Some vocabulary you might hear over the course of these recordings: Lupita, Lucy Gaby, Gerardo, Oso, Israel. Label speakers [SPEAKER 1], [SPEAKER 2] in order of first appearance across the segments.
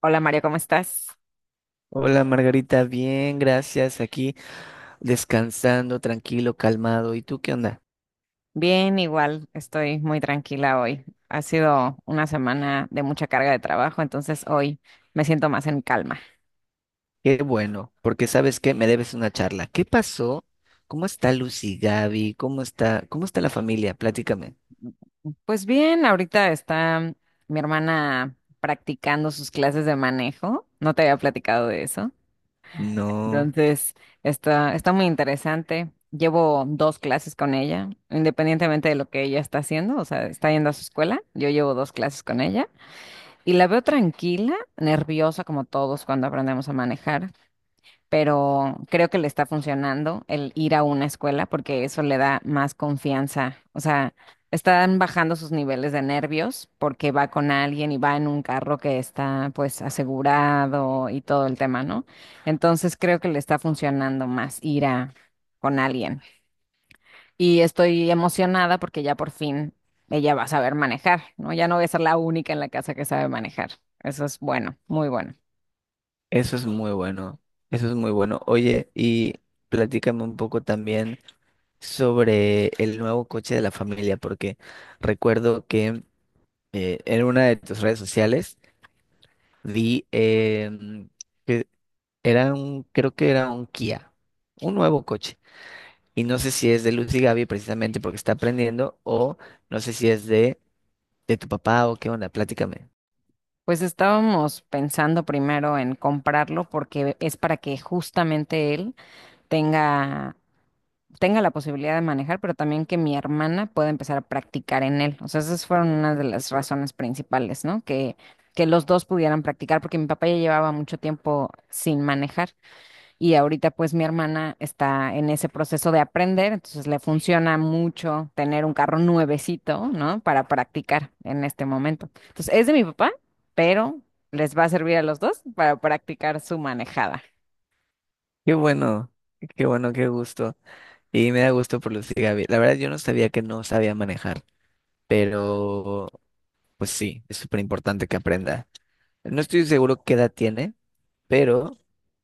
[SPEAKER 1] Hola Mario, ¿cómo estás?
[SPEAKER 2] Hola Margarita, bien, gracias. Aquí descansando, tranquilo, calmado. ¿Y tú qué onda?
[SPEAKER 1] Bien, igual estoy muy tranquila hoy. Ha sido una semana de mucha carga de trabajo, entonces hoy me siento más en calma.
[SPEAKER 2] Qué bueno, porque sabes que me debes una charla. ¿Qué pasó? ¿Cómo está Lucy Gaby? ¿Cómo está la familia? Platícame.
[SPEAKER 1] Pues bien, ahorita está mi hermana practicando sus clases de manejo. No te había platicado de eso.
[SPEAKER 2] No,
[SPEAKER 1] Entonces, está muy interesante. Llevo dos clases con ella, independientemente de lo que ella está haciendo, o sea, está yendo a su escuela. Yo llevo dos clases con ella. Y la veo tranquila, nerviosa como todos cuando aprendemos a manejar, pero creo que le está funcionando el ir a una escuela porque eso le da más confianza. O sea, están bajando sus niveles de nervios porque va con alguien y va en un carro que está pues asegurado y todo el tema, ¿no? Entonces creo que le está funcionando más ir a con alguien. Y estoy emocionada porque ya por fin ella va a saber manejar, ¿no? Ya no voy a ser la única en la casa que sabe manejar. Eso es bueno, muy bueno.
[SPEAKER 2] eso es muy bueno. Eso es muy bueno. Oye, y platícame un poco también sobre el nuevo coche de la familia, porque recuerdo que en una de tus redes sociales vi que era un, creo que era un Kia, un nuevo coche. Y no sé si es de Lucy Gaby precisamente porque está aprendiendo, o no sé si es de tu papá o qué onda, platícame.
[SPEAKER 1] Pues estábamos pensando primero en comprarlo porque es para que justamente él tenga, tenga la posibilidad de manejar, pero también que mi hermana pueda empezar a practicar en él. O sea, esas fueron una de las razones principales, ¿no? Que los dos pudieran practicar porque mi papá ya llevaba mucho tiempo sin manejar. Y ahorita pues mi hermana está en ese proceso de aprender, entonces le funciona mucho tener un carro nuevecito, ¿no? Para practicar en este momento. Entonces es de mi papá, pero les va a servir a los dos para practicar su manejada.
[SPEAKER 2] Qué bueno, qué bueno, qué gusto. Y me da gusto por Lucy Gaby. La verdad yo no sabía que no sabía manejar, pero pues sí, es súper importante que aprenda. No estoy seguro qué edad tiene, pero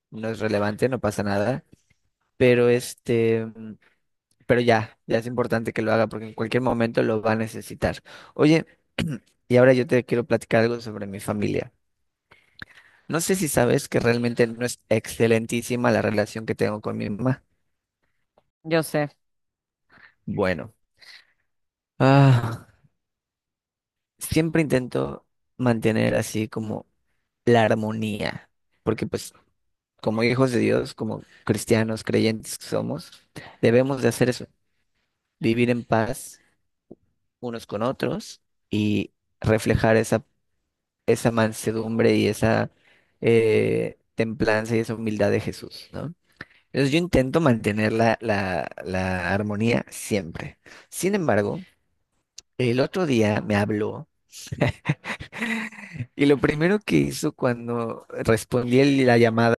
[SPEAKER 2] no es relevante, no pasa nada. Pero Pero ya, ya es importante que lo haga porque en cualquier momento lo va a necesitar. Oye, y ahora yo te quiero platicar algo sobre mi familia. No sé si sabes que realmente no es excelentísima la relación que tengo con mi mamá.
[SPEAKER 1] Yo sé.
[SPEAKER 2] Bueno, ah, siempre intento mantener así como la armonía, porque pues como hijos de Dios, como cristianos creyentes que somos, debemos de hacer eso, vivir en paz unos con otros y reflejar esa mansedumbre y esa templanza y esa humildad de Jesús, ¿no? Entonces yo intento mantener la armonía siempre. Sin embargo, el otro día me habló y lo primero que hizo cuando respondí la llamada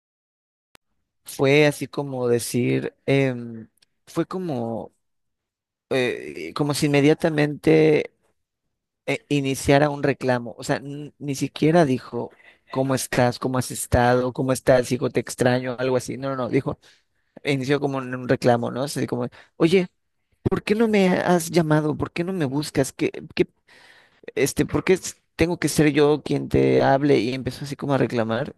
[SPEAKER 2] fue así como decir, fue como, como si inmediatamente iniciara un reclamo. O sea, ni siquiera dijo, ¿cómo estás? ¿Cómo has estado? ¿Cómo estás, hijo? Te extraño, algo así. No, no, no, dijo, inició como un reclamo, ¿no? Así como, oye, ¿por qué no me has llamado? ¿Por qué no me buscas? Este, ¿por qué tengo que ser yo quien te hable? Y empezó así como a reclamar.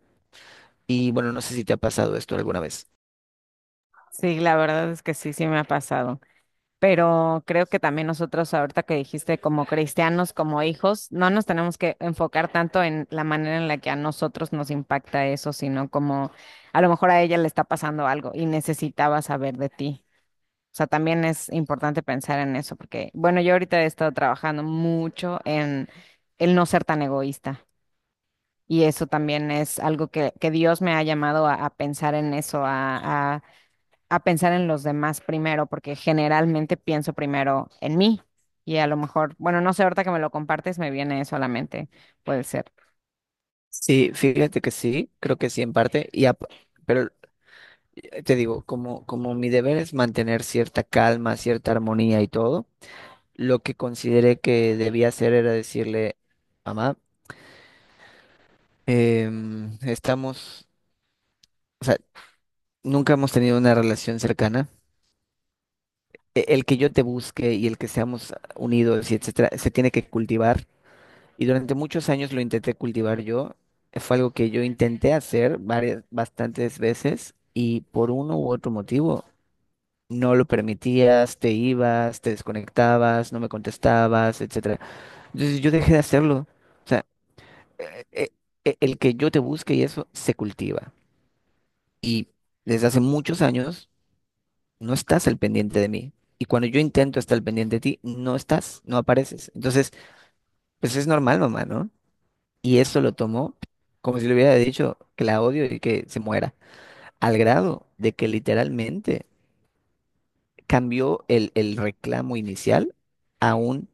[SPEAKER 2] Y bueno, no sé si te ha pasado esto alguna vez.
[SPEAKER 1] Sí, la verdad es que sí, sí me ha pasado. Pero creo que también nosotros, ahorita que dijiste, como cristianos, como hijos, no nos tenemos que enfocar tanto en la manera en la que a nosotros nos impacta eso, sino como a lo mejor a ella le está pasando algo y necesitaba saber de ti. O sea, también es importante pensar en eso, porque, bueno, yo ahorita he estado trabajando mucho en el no ser tan egoísta. Y eso también es algo que Dios me ha llamado a pensar en eso, a pensar en los demás primero, porque generalmente pienso primero en mí y a lo mejor, bueno, no sé, ahorita que me lo compartes me viene eso a la mente, puede ser.
[SPEAKER 2] Sí, fíjate que sí, creo que sí en parte, pero te digo, como mi deber es mantener cierta calma, cierta armonía y todo, lo que consideré que debía hacer era decirle, mamá, em, estamos, o sea, nunca hemos tenido una relación cercana. El que yo te busque y el que seamos unidos y etcétera, se tiene que cultivar. Y durante muchos años lo intenté cultivar yo. Fue algo que yo intenté hacer bastantes veces y por uno u otro motivo no lo permitías, te ibas, te desconectabas, no me contestabas, etcétera. Entonces yo dejé de hacerlo. eh, eh, el que yo te busque y eso se cultiva. Y desde hace muchos años no estás al pendiente de mí. Y cuando yo intento estar al pendiente de ti, no estás, no apareces. Entonces, pues es normal, mamá, ¿no? Y eso lo tomó como si le hubiera dicho que la odio y que se muera. Al grado de que literalmente cambió el reclamo inicial a un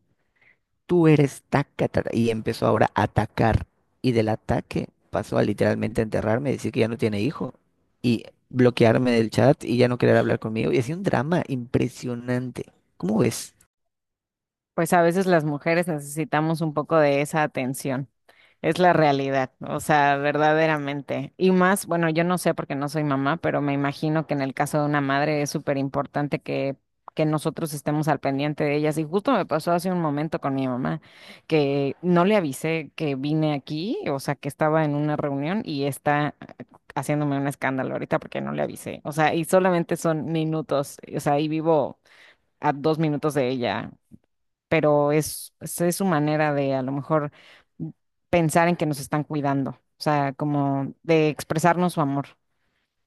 [SPEAKER 2] "tú eres taca, taca", y empezó ahora a atacar. Y del ataque pasó a literalmente enterrarme, decir que ya no tiene hijo y bloquearme del chat y ya no querer hablar conmigo. Y hacía un drama impresionante. ¿Cómo ves?
[SPEAKER 1] Pues a veces las mujeres necesitamos un poco de esa atención. Es la realidad, o sea, verdaderamente. Y más, bueno, yo no sé porque no soy mamá, pero me imagino que en el caso de una madre es súper importante que nosotros estemos al pendiente de ellas. Y justo me pasó hace un momento con mi mamá, que no le avisé que vine aquí, o sea, que estaba en una reunión y está haciéndome un escándalo ahorita porque no le avisé. O sea, y solamente son minutos, o sea, y vivo a 2 minutos de ella, pero es su manera de a lo mejor pensar en que nos están cuidando, o sea, como de expresarnos su amor.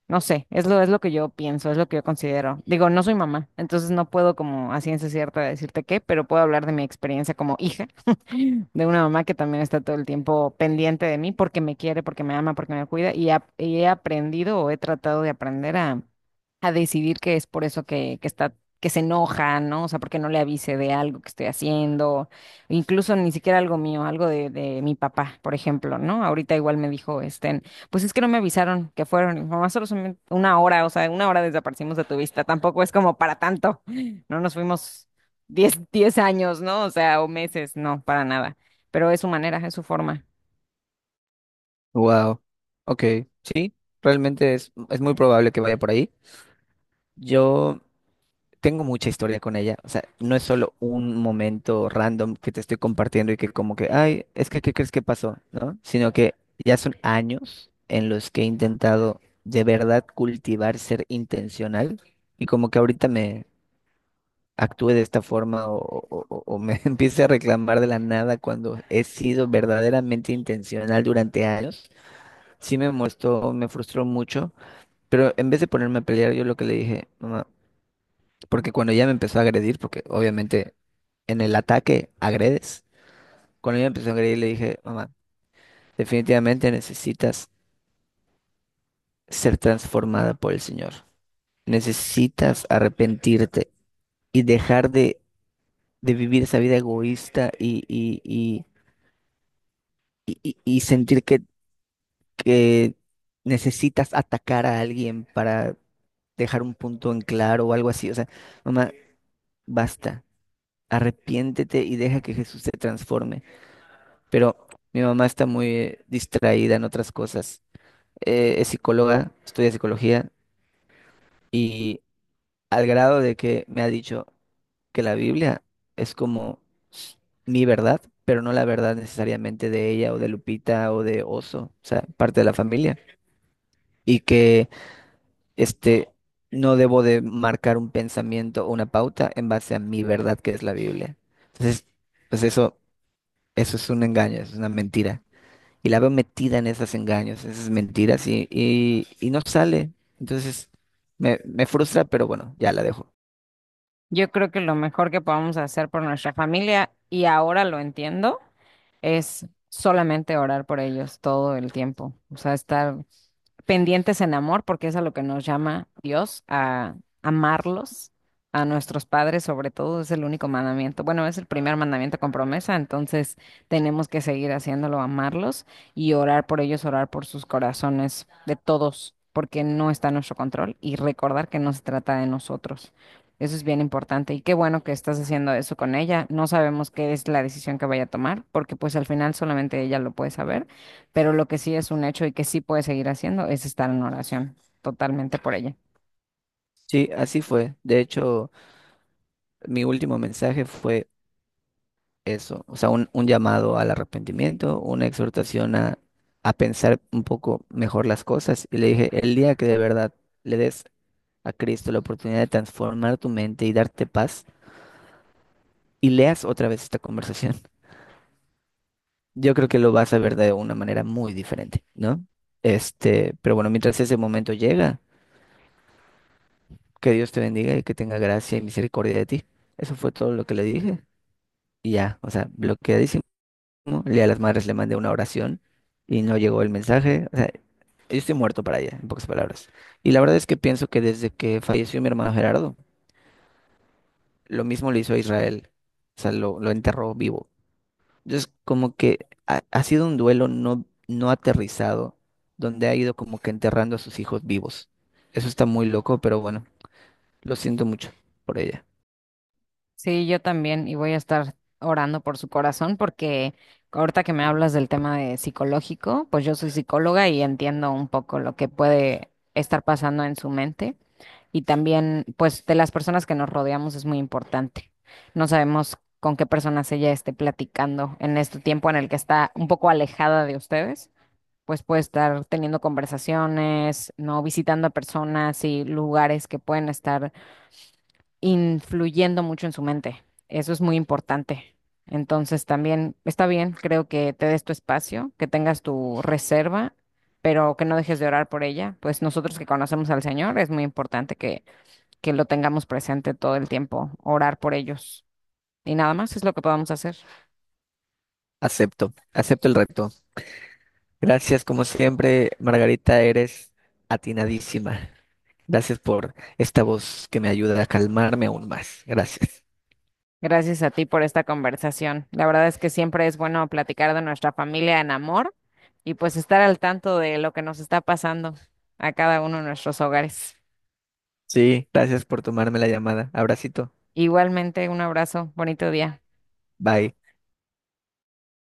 [SPEAKER 1] No sé, es lo que yo pienso, es lo que yo considero. Digo, no soy mamá, entonces no puedo como a ciencia cierta decirte qué, pero puedo hablar de mi experiencia como hija de una mamá que también está todo el tiempo pendiente de mí porque me quiere, porque me ama, porque me cuida y, y he aprendido o he tratado de aprender a decidir que es por eso que está, que se enoja, ¿no? O sea, porque no le avise de algo que estoy haciendo, incluso ni siquiera algo mío, algo de mi papá, por ejemplo, ¿no? Ahorita igual me dijo, este, pues es que no me avisaron que fueron, y mamá, solo son una hora, o sea, una hora desaparecimos de tu vista, tampoco es como para tanto, no nos fuimos diez años, ¿no? O sea, o meses, no, para nada, pero es su manera, es su forma.
[SPEAKER 2] Wow. Ok. Realmente es muy probable que vaya por ahí. Yo tengo mucha historia con ella. O sea, no es solo un momento random que te estoy compartiendo y que como que, ay, es que, ¿qué crees que pasó? ¿No? Sino que ya son años en los que he intentado de verdad cultivar ser intencional y como que ahorita me actúe de esta forma o me empiece a reclamar de la nada cuando he sido verdaderamente intencional durante años. Sí me frustró mucho, pero en vez de ponerme a pelear, yo lo que le dije, mamá. Porque cuando ella me empezó a agredir, porque obviamente en el ataque agredes, cuando ella me empezó a agredir le dije, mamá, definitivamente necesitas ser transformada por el Señor. Necesitas arrepentirte y de vivir esa vida egoísta y sentir que necesitas atacar a alguien para dejar un punto en claro o algo así. O sea, mamá, basta, arrepiéntete y deja que Jesús te transforme. Pero mi mamá está muy distraída en otras cosas. Es psicóloga, estudia psicología y al grado de que me ha dicho que la Biblia es como s- mi verdad, pero no la verdad necesariamente de ella o de Lupita o de Oso, o sea, parte de la familia, y que este no debo de marcar un pensamiento o una pauta en base a mi verdad que es la Biblia. Entonces, pues eso es un engaño, es una mentira. Y la veo metida en esos engaños, esas mentiras y no sale. Entonces me frustra, pero bueno, ya la dejo.
[SPEAKER 1] Yo creo que lo mejor que podamos hacer por nuestra familia, y ahora lo entiendo, es solamente orar por ellos todo el tiempo, o sea, estar pendientes en amor, porque es a lo que nos llama Dios, a amarlos, a nuestros padres sobre todo, es el único mandamiento. Bueno, es el primer mandamiento con promesa, entonces tenemos que seguir haciéndolo, amarlos y orar por ellos, orar por sus corazones de todos, porque no está en nuestro control y recordar que no se trata de nosotros. Eso es bien importante y qué bueno que estás haciendo eso con ella. No sabemos qué es la decisión que vaya a tomar, porque pues al final solamente ella lo puede saber, pero lo que sí es un hecho y que sí puedes seguir haciendo es estar en oración, totalmente por ella.
[SPEAKER 2] Sí, así fue. De hecho, mi último mensaje fue eso, o sea, un llamado al arrepentimiento, una exhortación a pensar un poco mejor las cosas. Y le dije, el día que de verdad le des a Cristo la oportunidad de transformar tu mente y darte paz, y leas otra vez esta conversación, yo creo que lo vas a ver de una manera muy diferente, ¿no? Este, pero bueno, mientras ese momento llega, que Dios te bendiga y que tenga gracia y misericordia de ti. Eso fue todo lo que le dije. Y ya, o sea, bloqueadísimo. Le a las madres le mandé una oración y no llegó el mensaje. O sea, yo estoy muerto para ella, en pocas palabras. Y la verdad es que pienso que desde que falleció mi hermano Gerardo, lo mismo le hizo a Israel. O sea, lo enterró vivo. Es como que ha sido un duelo no aterrizado, donde ha ido como que enterrando a sus hijos vivos. Eso está muy loco, pero bueno, lo siento mucho por ella.
[SPEAKER 1] Sí, yo también, y voy a estar orando por su corazón porque ahorita que me hablas del tema de psicológico, pues yo soy psicóloga y entiendo un poco lo que puede estar pasando en su mente. Y también, pues, de las personas que nos rodeamos es muy importante. No sabemos con qué personas ella esté platicando en este tiempo en el que está un poco alejada de ustedes. Pues puede estar teniendo conversaciones, ¿no? Visitando a personas y lugares que pueden estar influyendo mucho en su mente. Eso es muy importante. Entonces también está bien, creo que te des tu espacio, que tengas tu reserva, pero que no dejes de orar por ella. Pues nosotros que conocemos al Señor, es muy importante que lo tengamos presente todo el tiempo, orar por ellos. Y nada más es lo que podamos hacer.
[SPEAKER 2] Acepto, acepto el reto. Gracias, como siempre, Margarita, eres atinadísima. Gracias por esta voz que me ayuda a calmarme aún más. Gracias.
[SPEAKER 1] Gracias a ti por esta conversación. La verdad es que siempre es bueno platicar de nuestra familia en amor y pues estar al tanto de lo que nos está pasando a cada uno de nuestros hogares.
[SPEAKER 2] Sí, gracias por tomarme la llamada. Abracito.
[SPEAKER 1] Igualmente, un abrazo, bonito día.
[SPEAKER 2] Bye.